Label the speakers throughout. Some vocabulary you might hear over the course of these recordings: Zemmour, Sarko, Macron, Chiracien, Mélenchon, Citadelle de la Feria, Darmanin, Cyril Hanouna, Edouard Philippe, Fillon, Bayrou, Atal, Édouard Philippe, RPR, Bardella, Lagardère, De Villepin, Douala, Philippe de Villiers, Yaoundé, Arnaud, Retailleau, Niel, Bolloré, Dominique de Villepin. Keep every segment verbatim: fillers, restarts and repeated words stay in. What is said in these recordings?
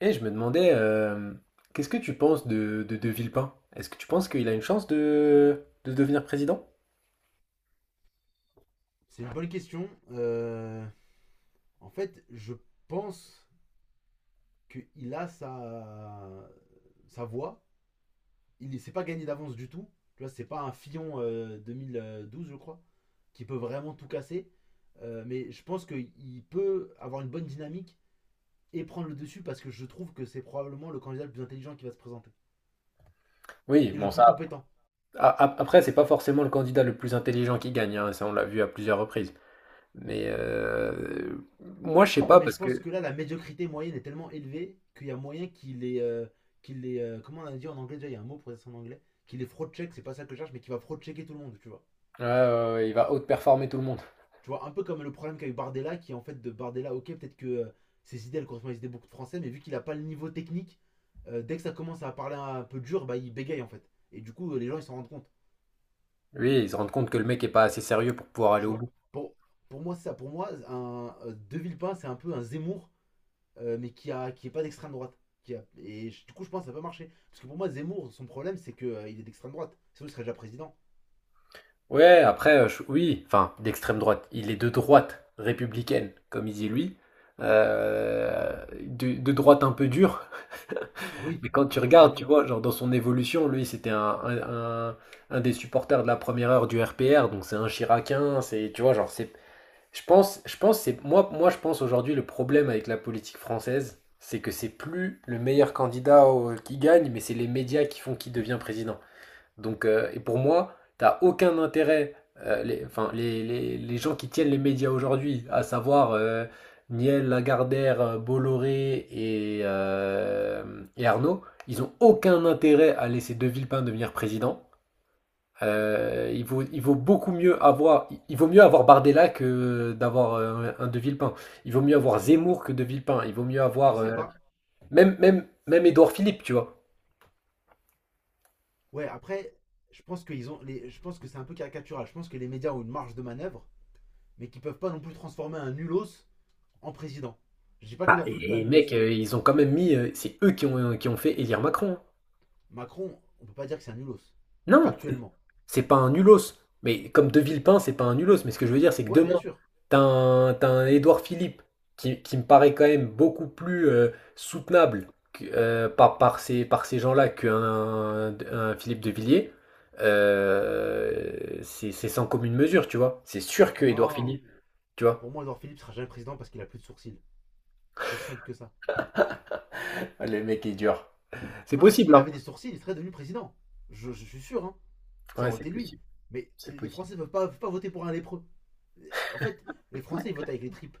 Speaker 1: Et je me demandais, euh, qu'est-ce que tu penses de, de, de Villepin? Est-ce que tu penses qu'il a une chance de, de devenir président?
Speaker 2: C'est une bonne question. Euh, en fait, je pense qu'il a sa, sa voix. Il ne s'est pas gagné d'avance du tout. Tu vois, c'est pas un Fillon euh, deux mille douze, je crois, qui peut vraiment tout casser. Euh, mais je pense qu'il peut avoir une bonne dynamique et prendre le dessus parce que je trouve que c'est probablement le candidat le plus intelligent qui va se présenter.
Speaker 1: Oui,
Speaker 2: Et le
Speaker 1: bon
Speaker 2: plus
Speaker 1: ça.
Speaker 2: compétent.
Speaker 1: a- a- Après, c'est pas forcément le candidat le plus intelligent qui gagne, hein, ça on l'a vu à plusieurs reprises. Mais euh, moi je sais
Speaker 2: Ouais,
Speaker 1: pas
Speaker 2: mais je
Speaker 1: parce
Speaker 2: pense
Speaker 1: que
Speaker 2: que là, la médiocrité moyenne est tellement élevée qu'il y a moyen qu'il est. euh, qu'il les, euh, comment on a dit en anglais déjà, il y a un mot pour ça en anglais, qu'il est fraud-check, c'est pas ça que je cherche, mais qu'il va fraud-checker tout le monde, tu vois.
Speaker 1: ouais, ouais, ouais, il va outperformer tout le monde.
Speaker 2: Tu vois, un peu comme le problème qu'a eu Bardella, qui en fait de Bardella, ok, peut-être que euh, ses idées, elles correspondent à des idées beaucoup de Français, mais vu qu'il a pas le niveau technique, euh, dès que ça commence à parler un peu dur, bah il bégaye en fait. Et du coup, euh, les gens, ils s'en rendent compte,
Speaker 1: Oui, ils se rendent compte que le mec est pas assez sérieux pour pouvoir aller
Speaker 2: tu
Speaker 1: au
Speaker 2: vois.
Speaker 1: bout.
Speaker 2: Pour, pour moi, c'est ça. Pour moi, un, euh, De Villepin, c'est un peu un Zemmour euh, mais qui a qui est pas d'extrême droite. Qui a- et je- Du coup, je pense que ça peut marcher. Parce que pour moi, Zemmour, son problème, c'est qu'il il est d'extrême droite. Sinon, il serait déjà président.
Speaker 1: Ouais, après, euh, je- oui, enfin, d'extrême droite. Il est de droite républicaine, comme il dit lui. Euh, de, de droite un peu dure.
Speaker 2: Oui,
Speaker 1: Mais quand
Speaker 2: un
Speaker 1: tu
Speaker 2: peu très
Speaker 1: regardes, tu
Speaker 2: dur.
Speaker 1: vois, genre dans son évolution, lui, c'était un, un, un- un des supporters de la première heure du R P R, donc c'est un Chiracien, c'est, tu vois, genre, c'est. Je pense, je pense, c'est. Moi, moi, je pense aujourd'hui, le problème avec la politique française, c'est que c'est plus le meilleur candidat au- qui gagne, mais c'est les médias qui font qui devient président. Donc, euh, et pour moi, t'as aucun intérêt, euh, les, enfin, les, les- les gens qui tiennent les médias aujourd'hui, à savoir euh, Niel, Lagardère, euh, Bolloré et, euh, et Arnaud, ils ont aucun intérêt à laisser De Villepin devenir président. Euh, il vaut, il vaut beaucoup mieux avoir, il vaut mieux avoir Bardella que d'avoir euh, un De Villepin. Il vaut mieux avoir Zemmour que De Villepin. Il vaut mieux
Speaker 2: Je
Speaker 1: avoir
Speaker 2: sais
Speaker 1: euh,
Speaker 2: pas.
Speaker 1: même, même, même Édouard Philippe, tu vois.
Speaker 2: Ouais, après, je pense, qu'ils ont les, je pense que c'est un peu caricatural. Je pense que les médias ont une marge de manœuvre, mais qu'ils peuvent pas non plus transformer un nulos en président. Je dis pas
Speaker 1: Bah,
Speaker 2: qu'Edouard Philippe est
Speaker 1: et
Speaker 2: un
Speaker 1: et mec,
Speaker 2: nulos.
Speaker 1: euh, ils ont quand même mis, euh, c'est eux qui ont, qui ont fait élire Macron, hein.
Speaker 2: Macron, on peut pas dire que c'est un nulos.
Speaker 1: Non, c'est
Speaker 2: Factuellement.
Speaker 1: c'est pas un nulos. Mais comme De Villepin, c'est pas un nulos. Mais ce que je veux dire, c'est que
Speaker 2: Ouais, bien
Speaker 1: demain,
Speaker 2: sûr.
Speaker 1: t'as un, t'as un Édouard Philippe qui, qui me paraît quand même beaucoup plus euh, soutenable que- euh, par, par ces, par ces gens-là qu'un un Philippe de Villiers. Euh, c'est c'est sans commune mesure, tu vois. C'est sûr que Édouard
Speaker 2: Non.
Speaker 1: Philippe, tu
Speaker 2: Pour
Speaker 1: vois.
Speaker 2: moi, Edouard Philippe sera jamais président parce qu'il a plus de sourcils. C'est aussi simple que ça.
Speaker 1: Ah, le mec est dur. C'est
Speaker 2: Non,
Speaker 1: possible,
Speaker 2: s'il
Speaker 1: hein.
Speaker 2: avait des sourcils, il serait devenu président. Je, je suis sûr, hein. Ça
Speaker 1: Ouais,
Speaker 2: aurait
Speaker 1: c'est
Speaker 2: été lui.
Speaker 1: possible.
Speaker 2: Mais
Speaker 1: C'est
Speaker 2: les
Speaker 1: possible.
Speaker 2: Français ne peuvent pas, peuvent pas voter pour un lépreux. Euh, En fait, les Français, ils votent avec les tripes.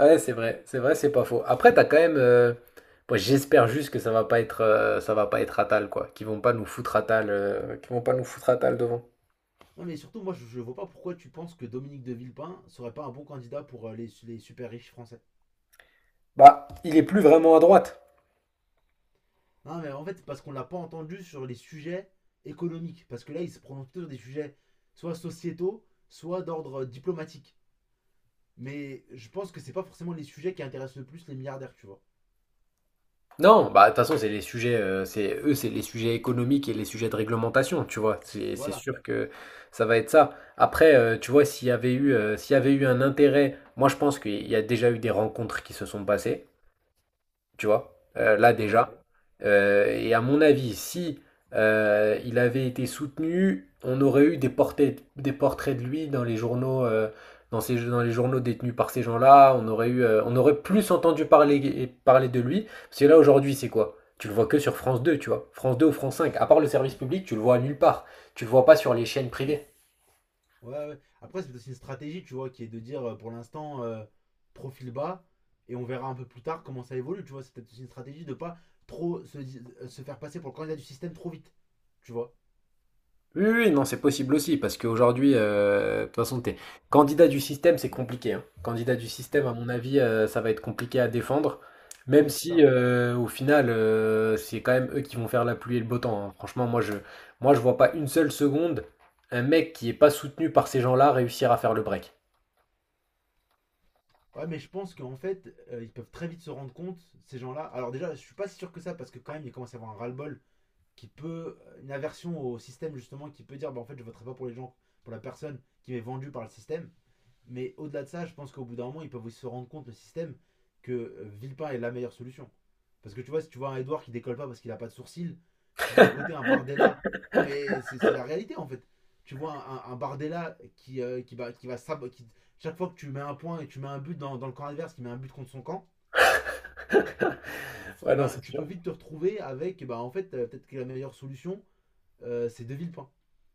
Speaker 1: Ouais, c'est vrai, c'est vrai, c'est pas faux. Après, t'as quand même, euh, moi, j'espère juste que ça va pas être, euh, ça va pas être Atal, quoi. Qu'ils vont pas nous foutre Atal, euh, qu'ils vont pas nous foutre Atal devant.
Speaker 2: Non, mais surtout, moi, je ne vois pas pourquoi tu penses que Dominique de Villepin serait pas un bon candidat pour euh, les, les super riches français.
Speaker 1: Bah, il est plus vraiment à droite.
Speaker 2: Non, mais en fait, c'est parce qu'on ne l'a pas entendu sur les sujets économiques. Parce que là, il se prononce plutôt sur des sujets soit sociétaux, soit d'ordre euh, diplomatique. Mais je pense que c'est pas forcément les sujets qui intéressent le plus les milliardaires, tu vois.
Speaker 1: Non, bah de toute façon, c'est les sujets, euh, c'est eux, c'est les sujets économiques et les sujets de réglementation, tu vois. C'est c'est
Speaker 2: Voilà.
Speaker 1: sûr que ça va être ça. Après, euh, tu vois, s'il y avait eu, euh, s'il y avait eu un intérêt, moi je pense qu'il y a déjà eu des rencontres qui se sont passées, tu vois, euh, là
Speaker 2: Ouais.
Speaker 1: déjà. Euh, et à mon avis, si euh, il avait été soutenu, on aurait eu des portraits, des portraits de lui dans les journaux, euh, dans ces- dans les journaux détenus par ces gens-là. On aurait eu, euh, on aurait plus entendu parler, parler de lui. Parce que là aujourd'hui, c'est quoi? Tu le vois que sur France deux, tu vois. France deux ou France cinq. À part le service public, tu le vois nulle part. Tu le vois pas sur les chaînes privées.
Speaker 2: Ouais, ouais. Après, c'est aussi une stratégie, tu vois, qui est de dire euh, pour l'instant euh, profil bas et on verra un peu plus tard comment ça évolue, tu vois. C'est peut-être aussi une stratégie de pas trop se, di- euh, se faire passer pour le candidat du système trop vite, tu vois.
Speaker 1: Oui, oui, oui, non, c'est possible aussi, parce qu'aujourd'hui, euh, de toute façon, t'es candidat du système, c'est compliqué, hein. Candidat du système, à
Speaker 2: Ouais,
Speaker 1: mon avis, euh, ça va être compliqué à défendre, même
Speaker 2: ouais, c'est
Speaker 1: si
Speaker 2: ça.
Speaker 1: euh, au final, euh, c'est quand même eux qui vont faire la pluie et le beau temps, hein. Franchement, moi, je, moi, je vois pas une seule seconde un mec qui est pas soutenu par ces gens-là réussir à faire le break.
Speaker 2: Ouais, mais je pense qu'en fait, euh, ils peuvent très vite se rendre compte, ces gens-là. Alors, déjà, je suis pas si sûr que ça parce que quand même, il commence à y avoir un ras-le-bol qui peut, euh, une aversion au système, justement, qui peut dire, bah en fait, je voterai pas pour les gens, pour la personne qui m'est vendue par le système. Mais au-delà de ça, je pense qu'au bout d'un moment, ils peuvent aussi se rendre compte, le système, que euh, Villepin est la meilleure solution. Parce que tu vois, si tu vois un Edouard qui décolle pas parce qu'il a pas de sourcils, tu vois à côté un Bardella. Non, mais c'est c'est la réalité en fait. Tu vois un, un- Bardella qui, euh, qui, va, qui va sab- qui- chaque fois que tu mets un point et que tu mets un but dans, dans le camp adverse, qui met un but contre son camp, et
Speaker 1: Ouais, non,
Speaker 2: ben
Speaker 1: c'est
Speaker 2: tu
Speaker 1: sûr.
Speaker 2: peux vite te retrouver avec, eh ben, en fait, euh, peut-être que la meilleure solution, euh, c'est De Villepin.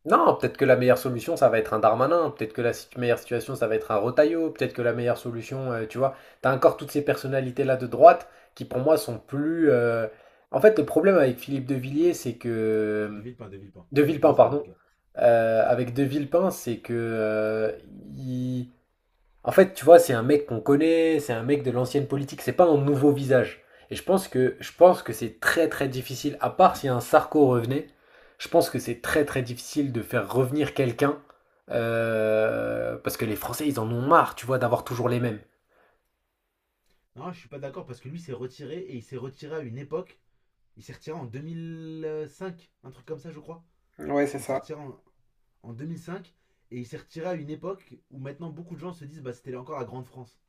Speaker 1: Non, peut-être que la meilleure solution, ça va être un Darmanin, peut-être que la si- meilleure situation, ça va être un Retailleau, peut-être que la meilleure solution, euh, tu vois, t'as encore toutes ces personnalités-là de droite qui pour moi sont plus... euh, En fait, le problème avec Philippe de Villiers, c'est
Speaker 2: De
Speaker 1: que...
Speaker 2: Villepin, De Villepin.
Speaker 1: De
Speaker 2: De
Speaker 1: Villepin,
Speaker 2: Villepin c'est un autre
Speaker 1: pardon.
Speaker 2: gars.
Speaker 1: Euh, avec De Villepin, c'est que... euh, il- en fait, tu vois, c'est un mec qu'on connaît, c'est un mec de l'ancienne politique, c'est pas un nouveau visage. Et je pense que je pense que c'est très très difficile, à part si un Sarko revenait, je pense que c'est très très difficile de faire revenir quelqu'un euh, parce que les Français ils en ont marre, tu vois, d'avoir toujours les mêmes.
Speaker 2: Non, je suis pas d'accord parce que lui s'est retiré et il s'est retiré à une époque. Il s'est retiré en deux mille cinq, un truc comme ça, je crois.
Speaker 1: Ouais, c'est
Speaker 2: Il s'est
Speaker 1: ça.
Speaker 2: retiré en, en deux mille cinq et il s'est retiré à une époque où maintenant beaucoup de gens se disent bah c'était encore la Grande France.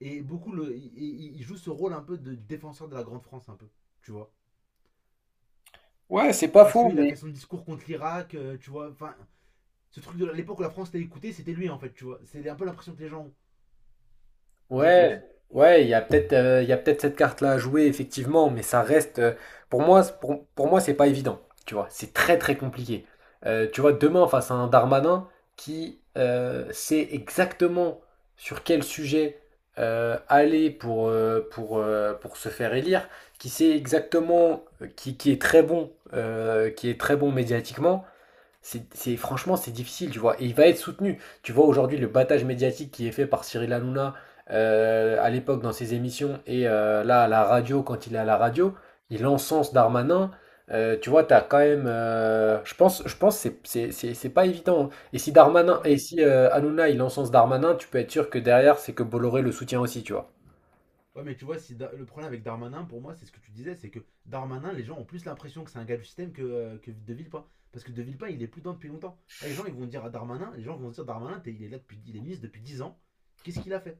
Speaker 2: Et beaucoup le, il- il, joue ce rôle un peu de défenseur de la Grande France un peu, tu vois.
Speaker 1: Ouais, c'est pas
Speaker 2: Parce
Speaker 1: faux,
Speaker 2: qu'il a fait
Speaker 1: mais
Speaker 2: son discours contre l'Irak, euh, tu vois. Enfin, ce truc de l'époque où la France l'a écouté, c'était lui en fait, tu vois. C'est un peu l'impression que les gens ont, je
Speaker 1: ouais,
Speaker 2: pense.
Speaker 1: ouais, il y a peut-être euh, il y a peut-être cette carte-là à jouer, effectivement, mais ça reste, euh, pour moi, c'est- pour, pour moi, c'est pas évident. Tu vois, c'est très très compliqué. Euh, tu vois, demain, face à un Darmanin qui euh, sait exactement sur quel sujet euh, aller pour, euh, pour, euh, pour se faire élire, qui sait exactement, euh, qui, qui est très bon, euh, qui est très bon médiatiquement, c'est, c'est- franchement, c'est difficile, tu vois. Et il va être soutenu. Tu vois aujourd'hui le battage médiatique qui est fait par Cyril Hanouna euh, à l'époque dans ses émissions et euh, là à la radio, quand il est à la radio, il encense Darmanin. Euh, tu vois, t'as quand même, euh, je pense, je pense que c'est, c'est, c'est- c'est pas évident, hein. Et si Darmanin,
Speaker 2: Ouais,
Speaker 1: et
Speaker 2: mais
Speaker 1: si euh, Hanouna il encense Darmanin, tu peux être sûr que derrière c'est que Bolloré le soutient aussi, tu vois.
Speaker 2: Ouais, mais tu vois, si Da- le problème avec Darmanin, pour moi, c'est ce que tu disais, c'est que Darmanin, les gens ont plus l'impression que c'est un gars du système que, euh, que De Villepin. Parce que De Villepin, il est plus dedans depuis longtemps. Et les gens, ils vont dire à Darmanin, les gens vont se dire Darmanin, t'es- il est là depuis, il est ministre depuis dix ans, qu'est-ce qu'il a fait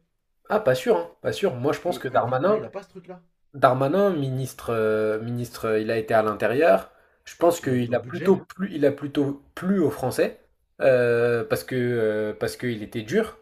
Speaker 1: Ah, pas sûr, hein, pas sûr. Moi, je pense que
Speaker 2: et, et Villepin,
Speaker 1: Darmanin,
Speaker 2: il a pas ce truc-là.
Speaker 1: Darmanin, ministre, euh, ministre, euh, il a été à l'intérieur. Je pense
Speaker 2: Il a été
Speaker 1: qu'il
Speaker 2: au
Speaker 1: a plutôt
Speaker 2: budget.
Speaker 1: plu, il a plutôt plu aux Français euh, parce que euh, parce qu'il était dur.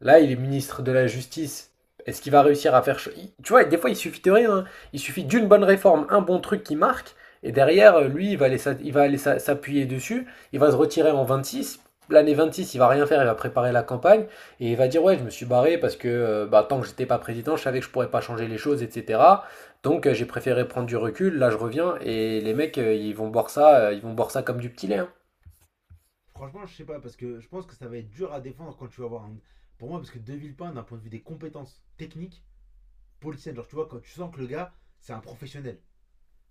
Speaker 1: Là, il est ministre de la Justice. Est-ce qu'il va réussir à faire... Tu vois, des fois, il suffit de rien, hein. Il suffit d'une bonne réforme, un bon truc qui marque, et derrière, euh, lui, il va aller il va aller s'appuyer dessus, il va se retirer en vingt-six. L'année vingt-six, il va rien faire, il va préparer la campagne, et il va dire, ouais, je me suis barré parce que euh, bah, tant que j'étais pas président, je savais que je pourrais pas changer les choses, et cetera. Donc euh, j'ai préféré prendre du recul, là je reviens, et les mecs, euh, ils vont boire ça, euh, ils vont boire ça comme du petit lait, hein.
Speaker 2: Franchement, je sais pas, parce que je pense que ça va être dur à défendre quand tu vas voir un. Pour moi, parce que De Villepin, d'un point de vue des compétences techniques, politiciennes, genre, tu vois, quand tu sens que le gars, c'est un professionnel.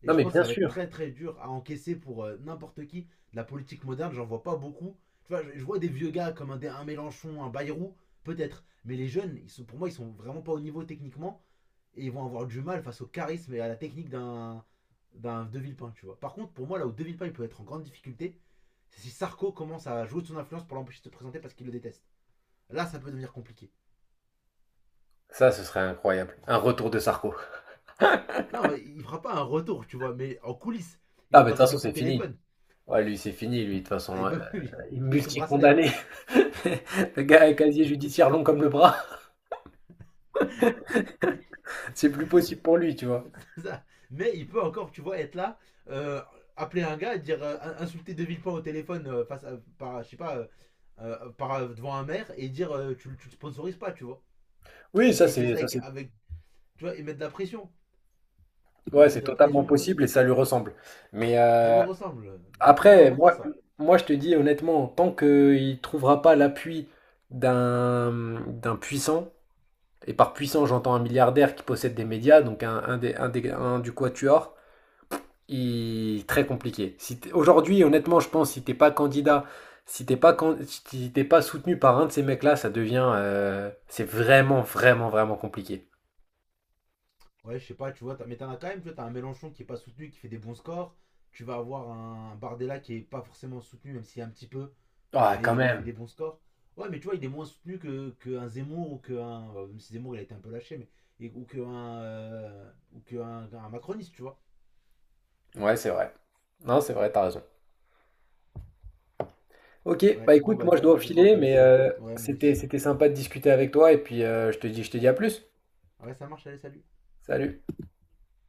Speaker 2: Et
Speaker 1: Non
Speaker 2: je
Speaker 1: mais
Speaker 2: pense que
Speaker 1: bien
Speaker 2: ça va être
Speaker 1: sûr,
Speaker 2: très très dur à encaisser pour euh, n'importe qui. De la politique moderne, j'en vois pas beaucoup. Tu vois, je, je vois des vieux gars comme un, un Mélenchon, un Bayrou, peut-être. Mais les jeunes, ils sont, pour moi, ils sont vraiment pas au niveau techniquement. Et ils vont avoir du mal face au charisme et à la technique d'un, d'un De Villepin, tu vois. Par contre, pour moi, là où De Villepin il peut être en grande difficulté, c'est si Sarko commence à jouer de son influence pour l'empêcher de se présenter parce qu'il le déteste. Là, ça peut devenir compliqué.
Speaker 1: ça ce serait incroyable. Un retour de Sarko.
Speaker 2: Non, mais il fera pas un retour, tu vois, mais en coulisses. Il
Speaker 1: Ah
Speaker 2: va
Speaker 1: mais de toute
Speaker 2: passer des
Speaker 1: façon
Speaker 2: coups
Speaker 1: c'est
Speaker 2: de
Speaker 1: fini.
Speaker 2: téléphone.
Speaker 1: Ouais, lui, c'est fini, lui, de toute
Speaker 2: Ah,
Speaker 1: façon,
Speaker 2: il
Speaker 1: heu,
Speaker 2: peut plus. Il est sous bracelet.
Speaker 1: multi-condamné. Le gars a un casier judiciaire long comme le bras, c'est plus possible pour lui, tu vois?
Speaker 2: C'est ça. Mais il peut encore, tu vois, être là, euh, appeler un gars et dire euh, insulter De Villepin au téléphone euh, face à, par, je sais pas, euh, euh, par, euh, devant un maire et dire euh, tu, le- tu le sponsorises pas, tu vois.
Speaker 1: Oui, ça
Speaker 2: Et il fait
Speaker 1: c'est
Speaker 2: ça
Speaker 1: ça
Speaker 2: avec,
Speaker 1: c'est
Speaker 2: avec, tu vois, il met de la pression, lui
Speaker 1: ouais,
Speaker 2: mettre
Speaker 1: c'est
Speaker 2: de la
Speaker 1: totalement
Speaker 2: pression, euh,
Speaker 1: possible et ça lui ressemble. Mais,
Speaker 2: ça lui
Speaker 1: heu,
Speaker 2: ressemble. Donc ouais, moi j'y
Speaker 1: après,
Speaker 2: crois
Speaker 1: moi
Speaker 2: ça.
Speaker 1: moi, je te dis honnêtement, tant qu'il trouvera pas l'appui d'un, mmh, d'un puissant et par puissant, j'entends un milliardaire qui possède des médias, donc un un des un des un du quatuor il- très compliqué. Si t'es- Aujourd'hui, honnêtement, je pense, si t'es pas candidat, si t'es pas, can- si t'es pas soutenu par un de ces mecs-là, ça devient, euh, c'est vraiment, vraiment, vraiment compliqué.
Speaker 2: Ouais, je sais pas, tu vois, t'as- mais t'en as quand même, tu vois, t'as un Mélenchon qui est pas soutenu, qui fait des bons scores. Tu vas avoir un Bardella qui est pas forcément soutenu, même s'il y a un petit peu,
Speaker 1: Ah, quand
Speaker 2: mais qui fait
Speaker 1: même.
Speaker 2: des bons scores. Ouais, mais tu vois, il est moins soutenu que qu'un Zemmour ou qu'un. Bah, même si Zemmour, il a été un peu lâché, mais. et- ou qu'un. Euh, ou qu'un macroniste, tu vois.
Speaker 1: Ouais, c'est vrai. Non, c'est vrai, t'as raison. Ok, bah
Speaker 2: Ouais, bon,
Speaker 1: écoute,
Speaker 2: bah,
Speaker 1: moi
Speaker 2: du
Speaker 1: je
Speaker 2: coup,
Speaker 1: dois
Speaker 2: moi, je vais devoir
Speaker 1: filer,
Speaker 2: te
Speaker 1: mais
Speaker 2: laisser.
Speaker 1: euh,
Speaker 2: Ouais, moi
Speaker 1: c'était,
Speaker 2: aussi.
Speaker 1: c'était sympa de discuter avec toi, et puis euh, je te dis, je te dis à plus.
Speaker 2: Ouais, ça marche, allez, salut.
Speaker 1: Salut.